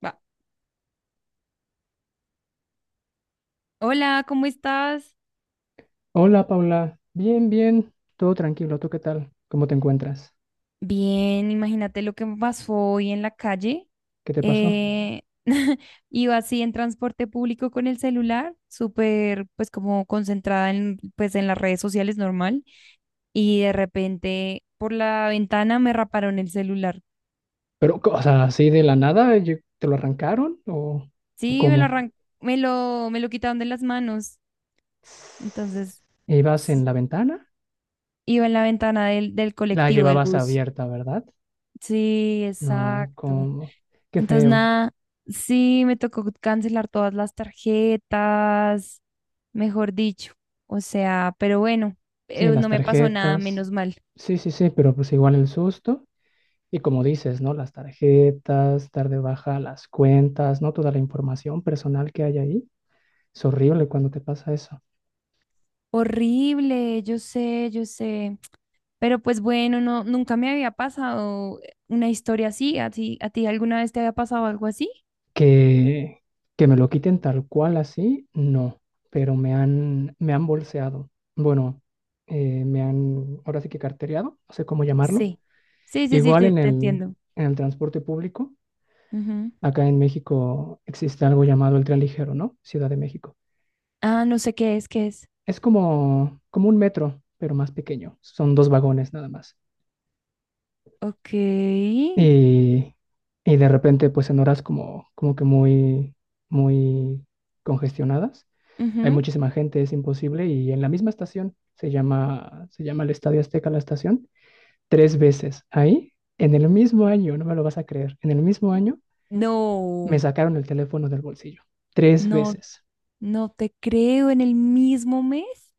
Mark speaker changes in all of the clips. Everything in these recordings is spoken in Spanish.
Speaker 1: Va. Hola, ¿cómo estás?
Speaker 2: Hola Paula, bien, bien, todo tranquilo, ¿tú qué tal? ¿Cómo te encuentras?
Speaker 1: Bien, imagínate lo que me pasó hoy en la calle.
Speaker 2: ¿Qué te pasó?
Speaker 1: Eh, iba así en transporte público con el celular, súper pues como concentrada en pues en las redes sociales normal. Y de repente por la ventana me raparon el celular.
Speaker 2: Pero, o sea, así de la nada, ¿te lo arrancaron o
Speaker 1: Sí,
Speaker 2: cómo?
Speaker 1: me lo quitaron de las manos. Entonces,
Speaker 2: ¿Ibas en
Speaker 1: sí,
Speaker 2: la ventana?
Speaker 1: iba en la ventana del
Speaker 2: La
Speaker 1: colectivo, del
Speaker 2: llevabas
Speaker 1: bus.
Speaker 2: abierta, ¿verdad?
Speaker 1: Sí,
Speaker 2: No,
Speaker 1: exacto.
Speaker 2: cómo, qué
Speaker 1: Entonces,
Speaker 2: feo.
Speaker 1: nada, sí, me tocó cancelar todas las tarjetas, mejor dicho. O sea, pero bueno,
Speaker 2: Sí, las
Speaker 1: no me pasó nada,
Speaker 2: tarjetas.
Speaker 1: menos mal.
Speaker 2: Sí, sí, sí, pero pues igual el susto. Y como dices, ¿no? Las tarjetas, dar de baja las cuentas, ¿no? Toda la información personal que hay ahí. Es horrible cuando te pasa eso.
Speaker 1: Horrible, yo sé, yo sé. Pero pues bueno, no, nunca me había pasado una historia así. ¿A ti alguna vez te había pasado algo así?
Speaker 2: Que, que me lo quiten tal cual así, no, pero me han bolseado. Bueno, me han, ahora sí que cartereado, no sé cómo llamarlo.
Speaker 1: Sí. Sí, sí, sí,
Speaker 2: Igual
Speaker 1: te,
Speaker 2: en
Speaker 1: te
Speaker 2: el,
Speaker 1: entiendo.
Speaker 2: en el transporte público,
Speaker 1: Ujú.
Speaker 2: acá en México existe algo llamado el tren ligero, ¿no? Ciudad de México.
Speaker 1: Ah, no sé qué es, qué es.
Speaker 2: Es como un metro, pero más pequeño. Son dos vagones nada más.
Speaker 1: Ok.
Speaker 2: Y, y de repente, pues en horas como que muy, muy congestionadas hay
Speaker 1: Ujú.
Speaker 2: muchísima gente, es imposible. Y en la misma estación, se llama el Estadio Azteca la estación, tres veces ahí, en el mismo año, no me lo vas a creer, en el mismo año me
Speaker 1: No,
Speaker 2: sacaron el teléfono del bolsillo, tres
Speaker 1: no.
Speaker 2: veces,
Speaker 1: No te creo, en el mismo mes.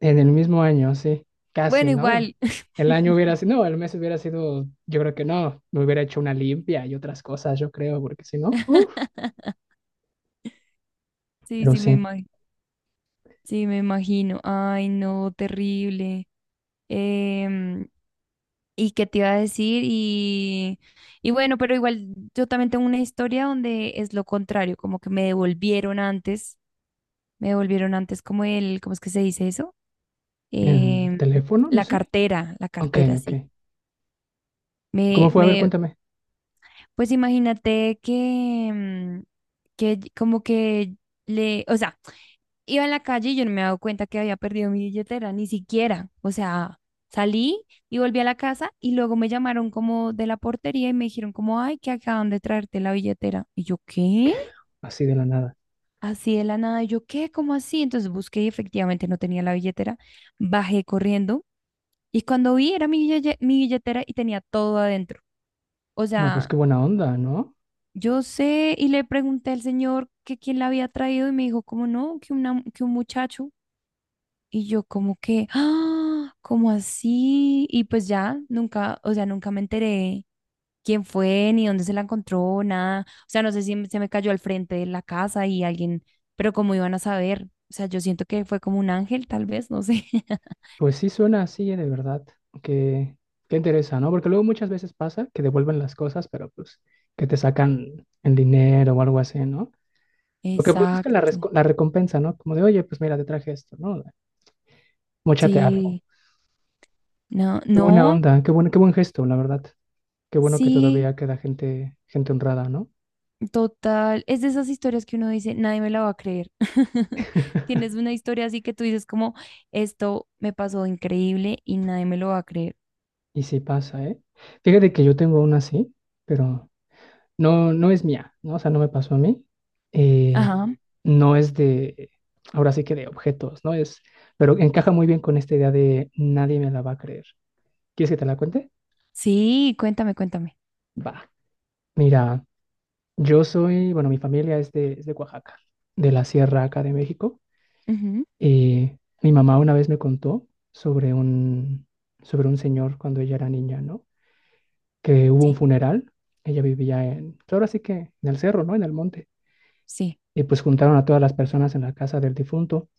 Speaker 2: en el mismo año, sí, casi,
Speaker 1: Bueno,
Speaker 2: ¿no? El,
Speaker 1: igual.
Speaker 2: el año hubiera sido, no, el mes hubiera sido, yo creo que no, me hubiera hecho una limpia y otras cosas, yo creo, porque si no, uff,
Speaker 1: Sí,
Speaker 2: pero
Speaker 1: sí, me
Speaker 2: sí,
Speaker 1: imagino. Sí, me imagino. Ay, no, terrible. Em, ¿Y qué te iba a decir? Y bueno, pero igual yo también tengo una historia donde es lo contrario, como que me devolvieron antes, ¿cómo es que se dice eso?
Speaker 2: el
Speaker 1: Em,
Speaker 2: teléfono, no sé.
Speaker 1: la
Speaker 2: Ok,
Speaker 1: cartera,
Speaker 2: ok.
Speaker 1: sí.
Speaker 2: ¿Cómo
Speaker 1: Me,
Speaker 2: fue? A ver,
Speaker 1: me,
Speaker 2: cuéntame.
Speaker 1: pues imagínate que, como que o sea, iba en la calle y yo no me había dado cuenta que había perdido mi billetera, ni siquiera. O sea, salí y volví a la casa y luego me llamaron como de la portería y me dijeron como, ay, que acaban de traerte la billetera. Y yo, ¿qué?
Speaker 2: Así de la nada.
Speaker 1: Así de la nada, y yo, ¿qué? ¿Cómo así? Entonces busqué y efectivamente no tenía la billetera. Bajé corriendo y cuando vi era mi billetera y tenía todo adentro. O
Speaker 2: No, pues
Speaker 1: sea,
Speaker 2: qué buena onda, ¿no?
Speaker 1: yo sé, y le pregunté al señor que quién la había traído y me dijo, como no, que, una, que un muchacho. Y yo como que, ah, ¿cómo así? Y pues ya, nunca, o sea, nunca me enteré quién fue, ni dónde se la encontró, nada. O sea, no sé si se me cayó al frente de la casa y alguien, pero cómo iban a saber. O sea, yo siento que fue como un ángel, tal vez, no sé.
Speaker 2: Pues sí suena así, de verdad, que, que interesa, ¿no? Porque luego muchas veces pasa que devuelven las cosas, pero pues que te sacan el dinero o algo así, ¿no? Lo que pues buscan
Speaker 1: Exacto.
Speaker 2: la recompensa, ¿no? Como de, oye, pues mira, te traje esto, ¿no? Móchate algo.
Speaker 1: Sí, no,
Speaker 2: Qué buena
Speaker 1: no,
Speaker 2: onda, qué buen gesto, la verdad. Qué bueno que
Speaker 1: sí.
Speaker 2: todavía queda gente honrada, ¿no?
Speaker 1: Total, es de esas historias que uno dice, nadie me la va a creer. Tienes una historia así que tú dices como, esto me pasó increíble y nadie me lo va a creer.
Speaker 2: Y sí pasa, ¿eh? Fíjate que yo tengo una así, pero no, no es mía, ¿no? O sea, no me pasó a mí. eh,
Speaker 1: Ajá,
Speaker 2: no es de, ahora sí que de objetos, ¿no? Pero encaja muy bien con esta idea de nadie me la va a creer. ¿Quieres que te la cuente?
Speaker 1: sí, cuéntame, cuéntame.
Speaker 2: Va. Mira, bueno, mi familia es de Oaxaca, de la sierra acá de México.
Speaker 1: Ujú.
Speaker 2: Y mi mamá una vez me contó sobre un señor cuando ella era niña, ¿no? Que hubo
Speaker 1: Sí,
Speaker 2: un funeral. Ella vivía pues ahora sí que en el cerro, ¿no? En el monte
Speaker 1: sí,
Speaker 2: y pues juntaron a todas las personas en la casa del difunto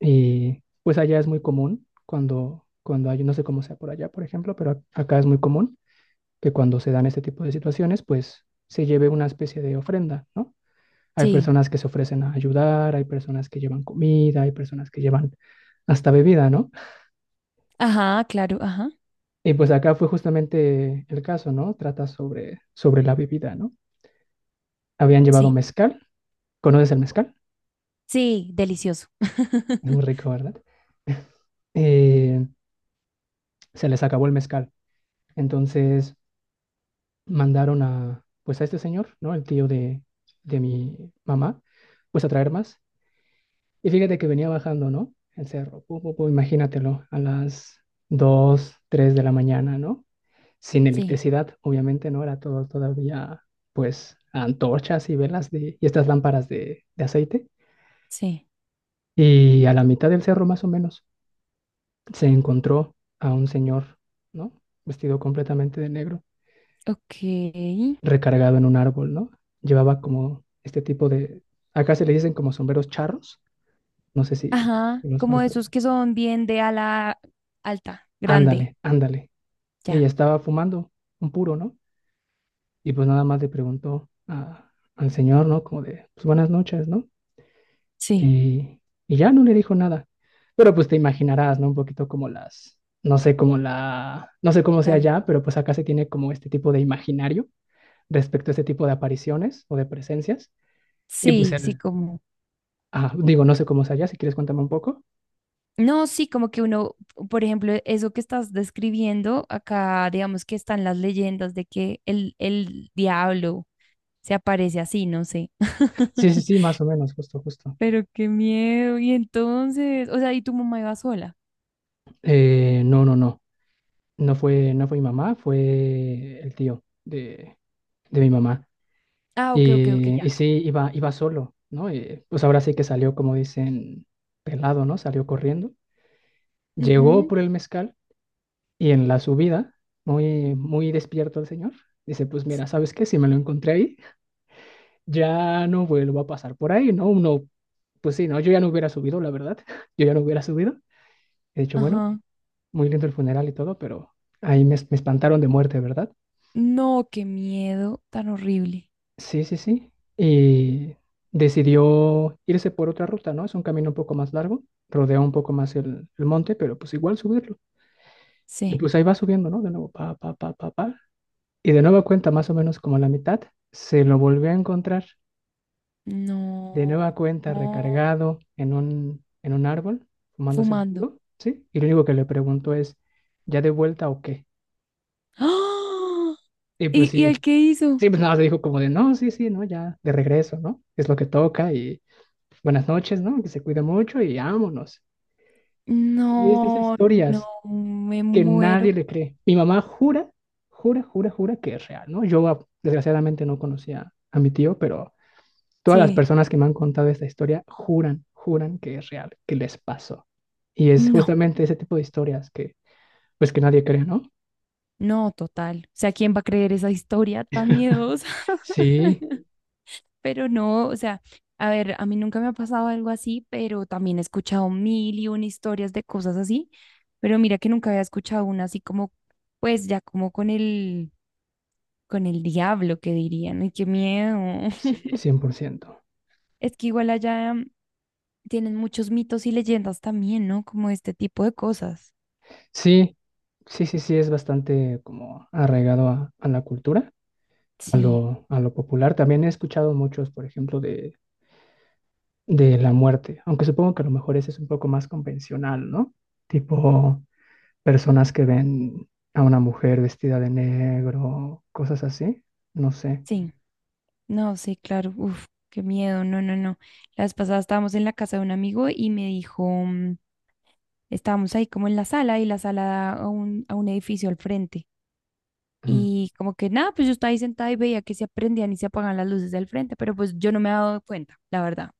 Speaker 2: y pues allá es muy común cuando hay, no sé cómo sea por allá, por ejemplo, pero acá es muy común que cuando se dan este tipo de situaciones, pues se lleve una especie de ofrenda, ¿no? Hay
Speaker 1: sí.
Speaker 2: personas que se ofrecen a ayudar, hay personas que llevan comida, hay personas que llevan hasta bebida, ¿no?
Speaker 1: Ajá, claro, ajá.
Speaker 2: Y pues acá fue justamente el caso, ¿no? Trata sobre la bebida, ¿no? Habían llevado
Speaker 1: Sí,
Speaker 2: mezcal, ¿conoces el mezcal?
Speaker 1: sí, delicioso.
Speaker 2: Es muy rico, ¿verdad? Eh, se les acabó el mezcal. Entonces mandaron pues a este señor, ¿no? El tío de mi mamá, pues a traer más. Y fíjate que venía bajando, ¿no? El cerro, pu, pu, pu, imagínatelo, a las 2, 3 de la mañana, ¿no? Sin
Speaker 1: Sí,
Speaker 2: electricidad, obviamente, ¿no? Era todo todavía, pues, antorchas y velas y estas lámparas de aceite.
Speaker 1: sí.
Speaker 2: Y a la mitad del cerro, más o menos, se encontró a un señor, ¿no? Vestido completamente de negro
Speaker 1: Ok.
Speaker 2: recargado en un árbol, ¿no? Llevaba como este tipo de, acá se le dicen como sombreros charros, no sé si
Speaker 1: Ajá,
Speaker 2: los
Speaker 1: como
Speaker 2: más, pero
Speaker 1: esos que son bien de ala alta, grande.
Speaker 2: ándale, ándale. Ella
Speaker 1: Ya,
Speaker 2: estaba fumando un puro, ¿no? Y pues nada más le preguntó al señor, ¿no? Como de, pues buenas noches, ¿no?
Speaker 1: sí,
Speaker 2: Y, y ya no le dijo nada. Pero pues te imaginarás, ¿no? Un poquito como las, no sé, como la, no sé cómo
Speaker 1: la
Speaker 2: sea
Speaker 1: ve.
Speaker 2: ya, pero pues acá se tiene como este tipo de imaginario respecto a este tipo de apariciones o de presencias. Y pues
Speaker 1: Sí, sí,
Speaker 2: el,
Speaker 1: como...
Speaker 2: Ah, digo, no sé cómo es allá, si quieres cuéntame un poco.
Speaker 1: No, sí, como que uno, por ejemplo, eso que estás describiendo, acá digamos que están las leyendas de que el diablo se aparece así, no sé.
Speaker 2: Sí, sí, sí, más o menos, justo, justo.
Speaker 1: Pero qué miedo. Y entonces, o sea, ¿y tu mamá iba sola?
Speaker 2: No, no, no, no fue mi mamá, fue el tío de mi mamá.
Speaker 1: Ah, ok, ok, ok,
Speaker 2: Y
Speaker 1: ya.
Speaker 2: sí, iba solo, ¿no? Y, pues ahora sí que salió, como dicen, pelado, ¿no? Salió corriendo. Llegó
Speaker 1: Ujú.
Speaker 2: por el mezcal y en la subida, muy, muy despierto el señor, dice, pues
Speaker 1: Sí.
Speaker 2: mira, ¿sabes qué? Si me lo encontré ahí, ya no vuelvo a pasar por ahí, ¿no? Uno, pues sí, ¿no? Yo ya no hubiera subido, la verdad, yo ya no hubiera subido. He dicho, bueno,
Speaker 1: Ajá.
Speaker 2: muy lindo el funeral y todo, pero ahí me espantaron de muerte, ¿verdad?
Speaker 1: No, qué miedo tan horrible.
Speaker 2: Sí, sí, sí. Y decidió irse por otra ruta, ¿no? Es un camino un poco más largo, rodea un poco más el monte, pero pues igual subirlo. Y
Speaker 1: Sí.
Speaker 2: pues ahí va subiendo, ¿no? De nuevo, pa, pa, pa, pa, pa. Y de nueva cuenta, más o menos como a la mitad, se lo volvió a encontrar, de
Speaker 1: No.
Speaker 2: nueva cuenta,
Speaker 1: No.
Speaker 2: recargado en un árbol, fumándose el
Speaker 1: Fumando.
Speaker 2: puro, ¿sí? Y lo único que le preguntó es, ¿ya de vuelta o qué?
Speaker 1: ¡Ah!
Speaker 2: Y pues
Speaker 1: Y
Speaker 2: sí.
Speaker 1: el qué hizo?
Speaker 2: Sí, pues nada, más le dijo como de, no, sí, sí, no, ya, de regreso, ¿no? Es lo que toca y buenas noches, ¿no? Que se cuida mucho y vámonos. Y es de esas
Speaker 1: No, no,
Speaker 2: historias
Speaker 1: me
Speaker 2: que nadie
Speaker 1: muero.
Speaker 2: le cree. Mi mamá jura, jura, jura, jura que es real, ¿no? Desgraciadamente no conocía a mi tío, pero todas las
Speaker 1: Sí,
Speaker 2: personas que me han contado esta historia juran, juran que es real, que les pasó. Y es
Speaker 1: no,
Speaker 2: justamente ese tipo de historias pues que nadie cree, ¿no?
Speaker 1: no, total. O sea, ¿quién va a creer esa historia tan miedosa?
Speaker 2: Sí,
Speaker 1: Pero no, o sea, a ver, a mí nunca me ha pasado algo así, pero también he escuchado mil y una historias de cosas así, pero mira que nunca había escuchado una así como, pues ya como con el diablo que dirían, ay, qué miedo.
Speaker 2: sí, 100%.
Speaker 1: Es que igual allá tienen muchos mitos y leyendas también, ¿no? Como este tipo de cosas.
Speaker 2: Sí, sí, sí, sí, es bastante como arraigado a la cultura, a
Speaker 1: Sí,
Speaker 2: lo, a lo popular. También he escuchado muchos, por ejemplo, de la muerte, aunque supongo que a lo mejor ese es un poco más convencional, ¿no? Tipo personas que ven a una mujer vestida de negro, cosas así, no sé.
Speaker 1: sí. No, sí, claro, uf, qué miedo, no, no, no. La vez pasada estábamos en la casa de un amigo y me dijo, estábamos ahí como en la sala y la sala da a un edificio al frente.
Speaker 2: Mm.
Speaker 1: Y como que nada, pues yo estaba ahí sentada y veía que se prendían y se apagaban las luces del frente, pero pues yo no me había dado cuenta, la verdad.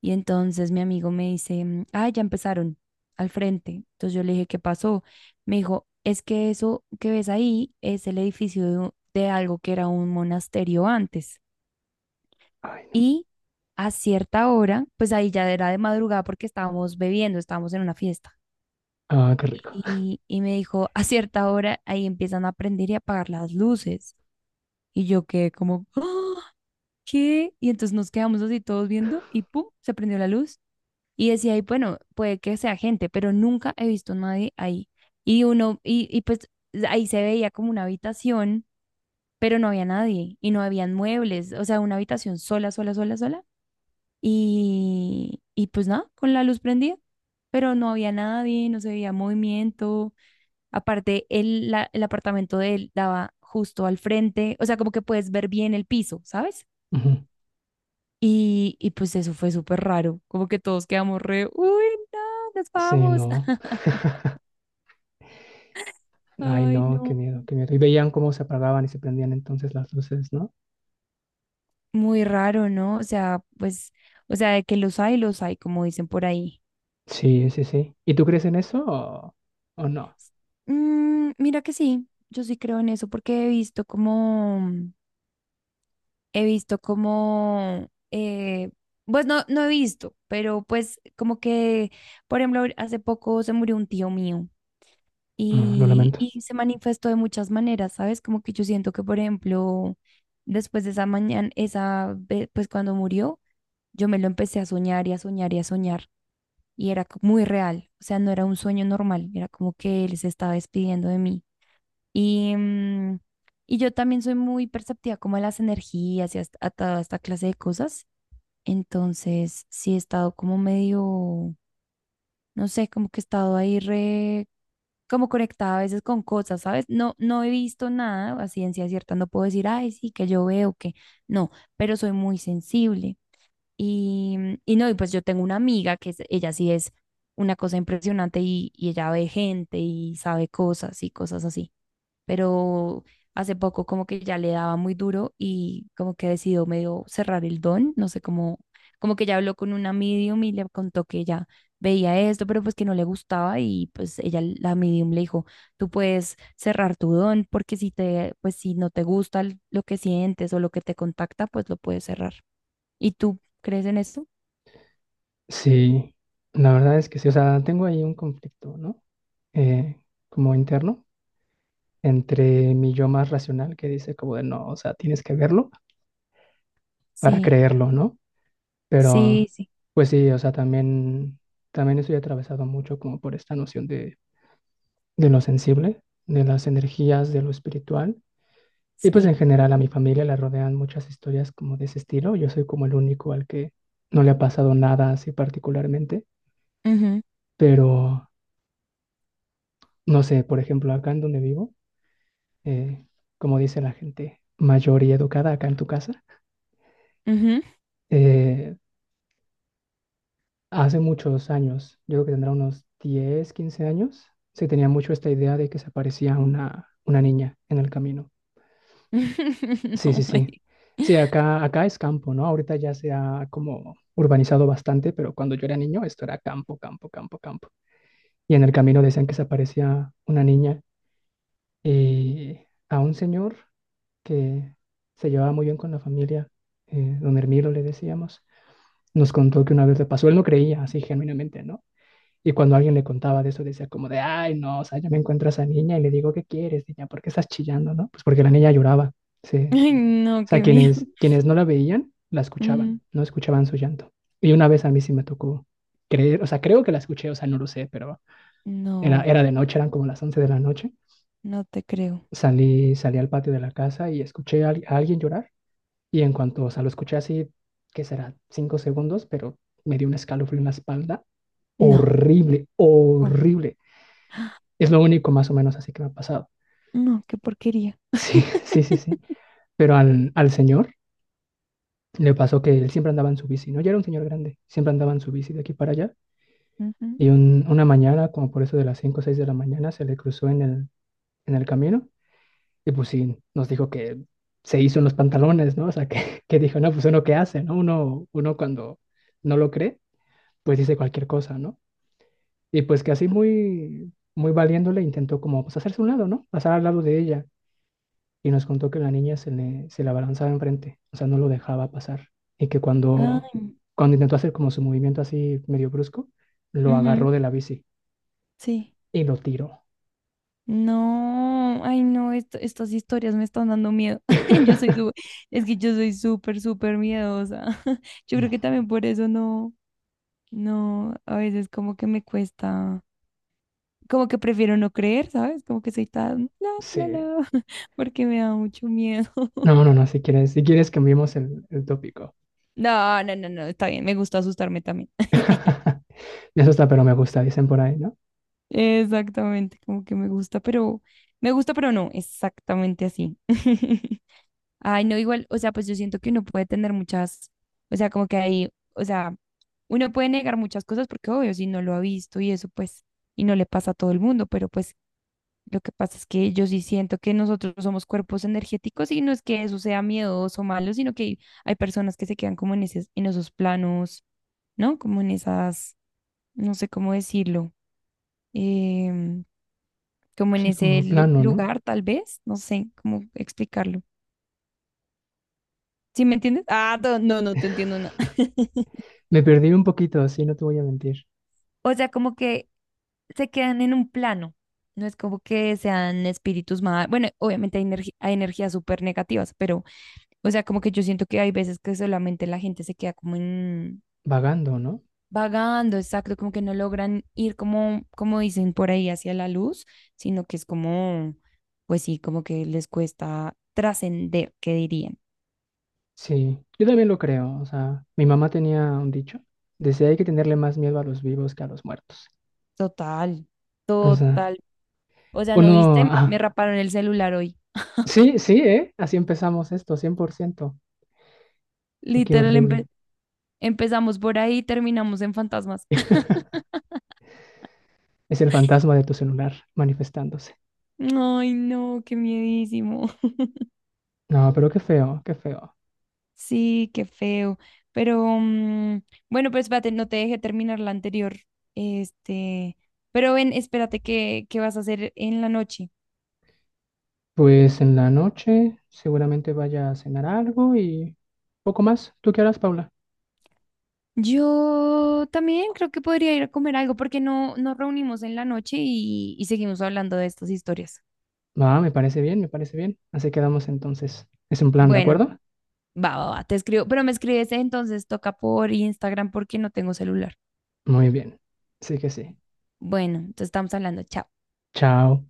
Speaker 1: Y entonces mi amigo me dice, ah, ya empezaron al frente. Entonces yo le dije, ¿qué pasó? Me dijo, es que eso que ves ahí es el edificio de algo que era un monasterio antes.
Speaker 2: Ay, no.
Speaker 1: Y a cierta hora, pues ahí ya era de madrugada porque estábamos bebiendo, estábamos en una fiesta.
Speaker 2: Ah, qué rico.
Speaker 1: Y me dijo, a cierta hora ahí empiezan a prender y apagar las luces. Y yo quedé como, "Ah, ¿qué?" Y entonces nos quedamos así todos viendo y ¡pum! Se prendió la luz. Y decía, ahí, bueno, puede que sea gente, pero nunca he visto a nadie ahí. Y pues ahí se veía como una habitación, pero no había nadie y no habían muebles, o sea, una habitación sola, sola, sola, sola. Y pues nada, con la luz prendida, pero no había nadie, no se veía movimiento. Aparte, el apartamento de él daba justo al frente, o sea, como que puedes ver bien el piso, ¿sabes?
Speaker 2: Ujú.
Speaker 1: Y pues eso fue súper raro, como que todos quedamos re, uy, no, nos
Speaker 2: Sí,
Speaker 1: vamos.
Speaker 2: no. Ay,
Speaker 1: Ay,
Speaker 2: no, qué
Speaker 1: no,
Speaker 2: miedo, qué miedo. Y veían cómo se apagaban y se prendían entonces las luces, ¿no?
Speaker 1: muy raro, ¿no? O sea, pues, o sea, de que los hay, como dicen por ahí.
Speaker 2: Sí, sí, sí. ¿Y tú crees en eso o no?
Speaker 1: Mm, mira que sí, yo sí creo en eso porque he visto como... he visto como, eh, pues no, no he visto, pero pues como que, por ejemplo, hace poco se murió un tío mío
Speaker 2: No, lo
Speaker 1: y,
Speaker 2: lamento.
Speaker 1: y se manifestó de muchas maneras, ¿sabes? Como que yo siento que, por ejemplo, después de esa mañana, pues cuando murió, yo me lo empecé a soñar y a soñar y a soñar y era muy real, o sea, no era un sueño normal, era como que él se estaba despidiendo de mí. Y, mm, y yo también soy muy perceptiva como a las energías y a toda esta clase de cosas. Entonces, sí he estado como medio, no sé, como que he estado ahí re, como conectada a veces con cosas, ¿sabes? No, no he visto nada, a ciencia cierta no puedo decir, ay, sí, que yo veo que no, pero soy muy sensible. Y no, y pues yo tengo una amiga ella sí es una cosa impresionante y ella ve gente y sabe cosas y cosas así, pero hace poco como que ya le daba muy duro y como que decidió medio cerrar el don, no sé cómo, como que ya habló con una medium y le contó que ella veía esto, pero pues que no le gustaba y pues ella, la medium le dijo, tú puedes cerrar tu don porque si te, pues si no te gusta lo que sientes o lo que te contacta, pues lo puedes cerrar. ¿Y tú crees en esto?
Speaker 2: Sí, la verdad es que sí. O sea, tengo ahí un conflicto, ¿no? Eh, como interno, entre mi yo más racional que dice como de no, o sea, tienes que verlo para
Speaker 1: Sí,
Speaker 2: creerlo, ¿no?
Speaker 1: sí,
Speaker 2: Pero,
Speaker 1: sí,
Speaker 2: pues sí, o sea, también estoy atravesado mucho como por esta noción de lo sensible, de las energías, de lo espiritual. Y pues en
Speaker 1: sí.
Speaker 2: general a mi familia la rodean muchas historias como de ese estilo. Yo soy como el único al que no le ha pasado nada así particularmente,
Speaker 1: Ujú,
Speaker 2: pero no sé, por ejemplo, acá en donde vivo, eh, como dice la gente mayor y educada acá en tu casa,
Speaker 1: ujú.
Speaker 2: eh, hace muchos años, yo creo que tendrá unos 10 15 años, se tenía mucho esta idea de que se aparecía una niña en el camino. Sí, sí,
Speaker 1: No,
Speaker 2: sí.
Speaker 1: Mari.
Speaker 2: Sí, acá es campo, ¿no? Ahorita ya se ha como urbanizado bastante, pero cuando yo era niño esto era campo, campo, campo, campo. Y en el camino decían que se aparecía una niña y a un señor que se llevaba muy bien con la familia, don Hermilo le decíamos, nos contó que una vez le pasó, él no creía así genuinamente, ¿no? Y cuando alguien le contaba de eso, decía como de, ay, no, o sea, yo me encuentro a esa niña y le digo, ¿qué quieres, niña? ¿Por qué estás chillando, no? Pues porque la niña lloraba, sí,
Speaker 1: Ay,
Speaker 2: o
Speaker 1: no,
Speaker 2: sea,
Speaker 1: qué miedo.
Speaker 2: quienes no la veían, la escuchaban,
Speaker 1: Mm,
Speaker 2: no escuchaban su llanto. Y una vez a mí sí me tocó creer, o sea, creo que la escuché, o sea, no lo sé, pero era,
Speaker 1: no,
Speaker 2: era de noche, eran como las 11 de la noche.
Speaker 1: no te creo.
Speaker 2: Salí al patio de la casa y escuché a alguien llorar. Y en cuanto, o sea, lo escuché así, ¿que será? Cinco segundos, pero me dio un escalofrío en la espalda.
Speaker 1: No.
Speaker 2: Horrible,
Speaker 1: Oh,
Speaker 2: horrible. Es lo único más o menos así que me ha pasado.
Speaker 1: no, qué porquería.
Speaker 2: Sí, sí, sí, sí. Pero al señor le pasó que él siempre andaba en su bici, ¿no? Ya era un señor grande, siempre andaba en su bici de aquí para allá.
Speaker 1: Ujú.
Speaker 2: Y una mañana, como por eso de las 5 o 6 de la mañana, se le cruzó en el, camino. Y pues sí, nos dijo que se hizo unos pantalones, ¿no? O sea, que, que dijo, no, pues uno qué hace, ¿no? Uno cuando no lo cree, pues dice cualquier cosa, ¿no? Y pues que así muy, muy valiéndole intentó como pues hacerse a un lado, ¿no? Pasar al lado de ella. Y nos contó que la niña se le abalanzaba enfrente, o sea, no lo dejaba pasar. Y que cuando,
Speaker 1: Ay,
Speaker 2: cuando intentó hacer como su movimiento así medio brusco, lo
Speaker 1: ujú,
Speaker 2: agarró de la bici
Speaker 1: sí.
Speaker 2: y lo tiró.
Speaker 1: No, ay, no, estas historias me están dando miedo. Yo soy su- es que yo soy súper, súper miedosa. Yo creo
Speaker 2: No,
Speaker 1: que también por eso no, no, a veces como que me cuesta, como que prefiero no creer, ¿sabes? Como que soy tan, la, la,
Speaker 2: sí.
Speaker 1: la, porque me da mucho miedo.
Speaker 2: No, no, no, si quieres cambiemos el tópico.
Speaker 1: No, no, no, no, está bien, me gusta asustarme también.
Speaker 2: Eso está, pero me gusta, dicen por ahí, ¿no?
Speaker 1: Exactamente, como que me gusta, pero no, exactamente así. Ay, no, igual, o sea, pues yo siento que uno puede tener muchas, o sea, como que ahí, o sea, uno puede negar muchas cosas porque obvio, si no lo ha visto y eso, pues, y no le pasa a todo el mundo, pero pues lo que pasa es que yo sí siento que nosotros somos cuerpos energéticos y no es que eso sea miedoso o malo, sino que hay personas que se quedan como en esos planos, ¿no? Como en esas, no sé cómo decirlo. em, Como
Speaker 2: Pues
Speaker 1: en
Speaker 2: sí,
Speaker 1: ese
Speaker 2: como plano, ¿no?
Speaker 1: lugar, tal vez, no sé cómo explicarlo. ¿Sí me entiendes? Ah, no, no, no te entiendo nada.
Speaker 2: Me perdí un poquito, así no te voy a mentir.
Speaker 1: O sea, como que se quedan en un plano. No es como que sean espíritus más, bueno, obviamente hay, hay energías súper negativas, pero, o sea, como que yo siento que hay veces que solamente la gente se queda como en,
Speaker 2: Vagando, ¿no?
Speaker 1: vagando, exacto, como que no logran ir como, como dicen por ahí hacia la luz, sino que es como, pues sí, como que les cuesta trascender, ¿qué dirían?
Speaker 2: Sí, yo también lo creo. O sea, mi mamá tenía un dicho. Decía hay que tenerle más miedo a los vivos que a los muertos.
Speaker 1: Total.
Speaker 2: O sea,
Speaker 1: O sea, ¿no
Speaker 2: uno,
Speaker 1: viste?
Speaker 2: ah,
Speaker 1: Me raparon el celular hoy.
Speaker 2: sí, sí, ¿eh? Así empezamos esto, 100%. Y qué
Speaker 1: Literal,
Speaker 2: horrible.
Speaker 1: empezamos por ahí y terminamos en fantasmas.
Speaker 2: Es el fantasma de tu celular manifestándose.
Speaker 1: Ay, no, qué miedísimo.
Speaker 2: No, pero qué feo, qué feo.
Speaker 1: Sí, qué feo. Pero bueno, pues espérate, no te dejé terminar la anterior. Este, pero ven, espérate, ¿qué, qué vas a hacer en la noche?
Speaker 2: Pues en la noche seguramente vaya a cenar algo y poco más. ¿Tú qué harás, Paula?
Speaker 1: Yo también creo que podría ir a comer algo porque no nos reunimos en la noche y seguimos hablando de estas historias.
Speaker 2: Ah, me parece bien, me parece bien. Así quedamos entonces. ¿Es un plan, de
Speaker 1: Bueno.
Speaker 2: acuerdo?
Speaker 1: Va, va, va, te escribo, pero me escribes entonces, toca por Instagram porque no tengo celular.
Speaker 2: Muy bien. Sí que sí.
Speaker 1: Bueno, entonces estamos hablando, chao.
Speaker 2: Chao.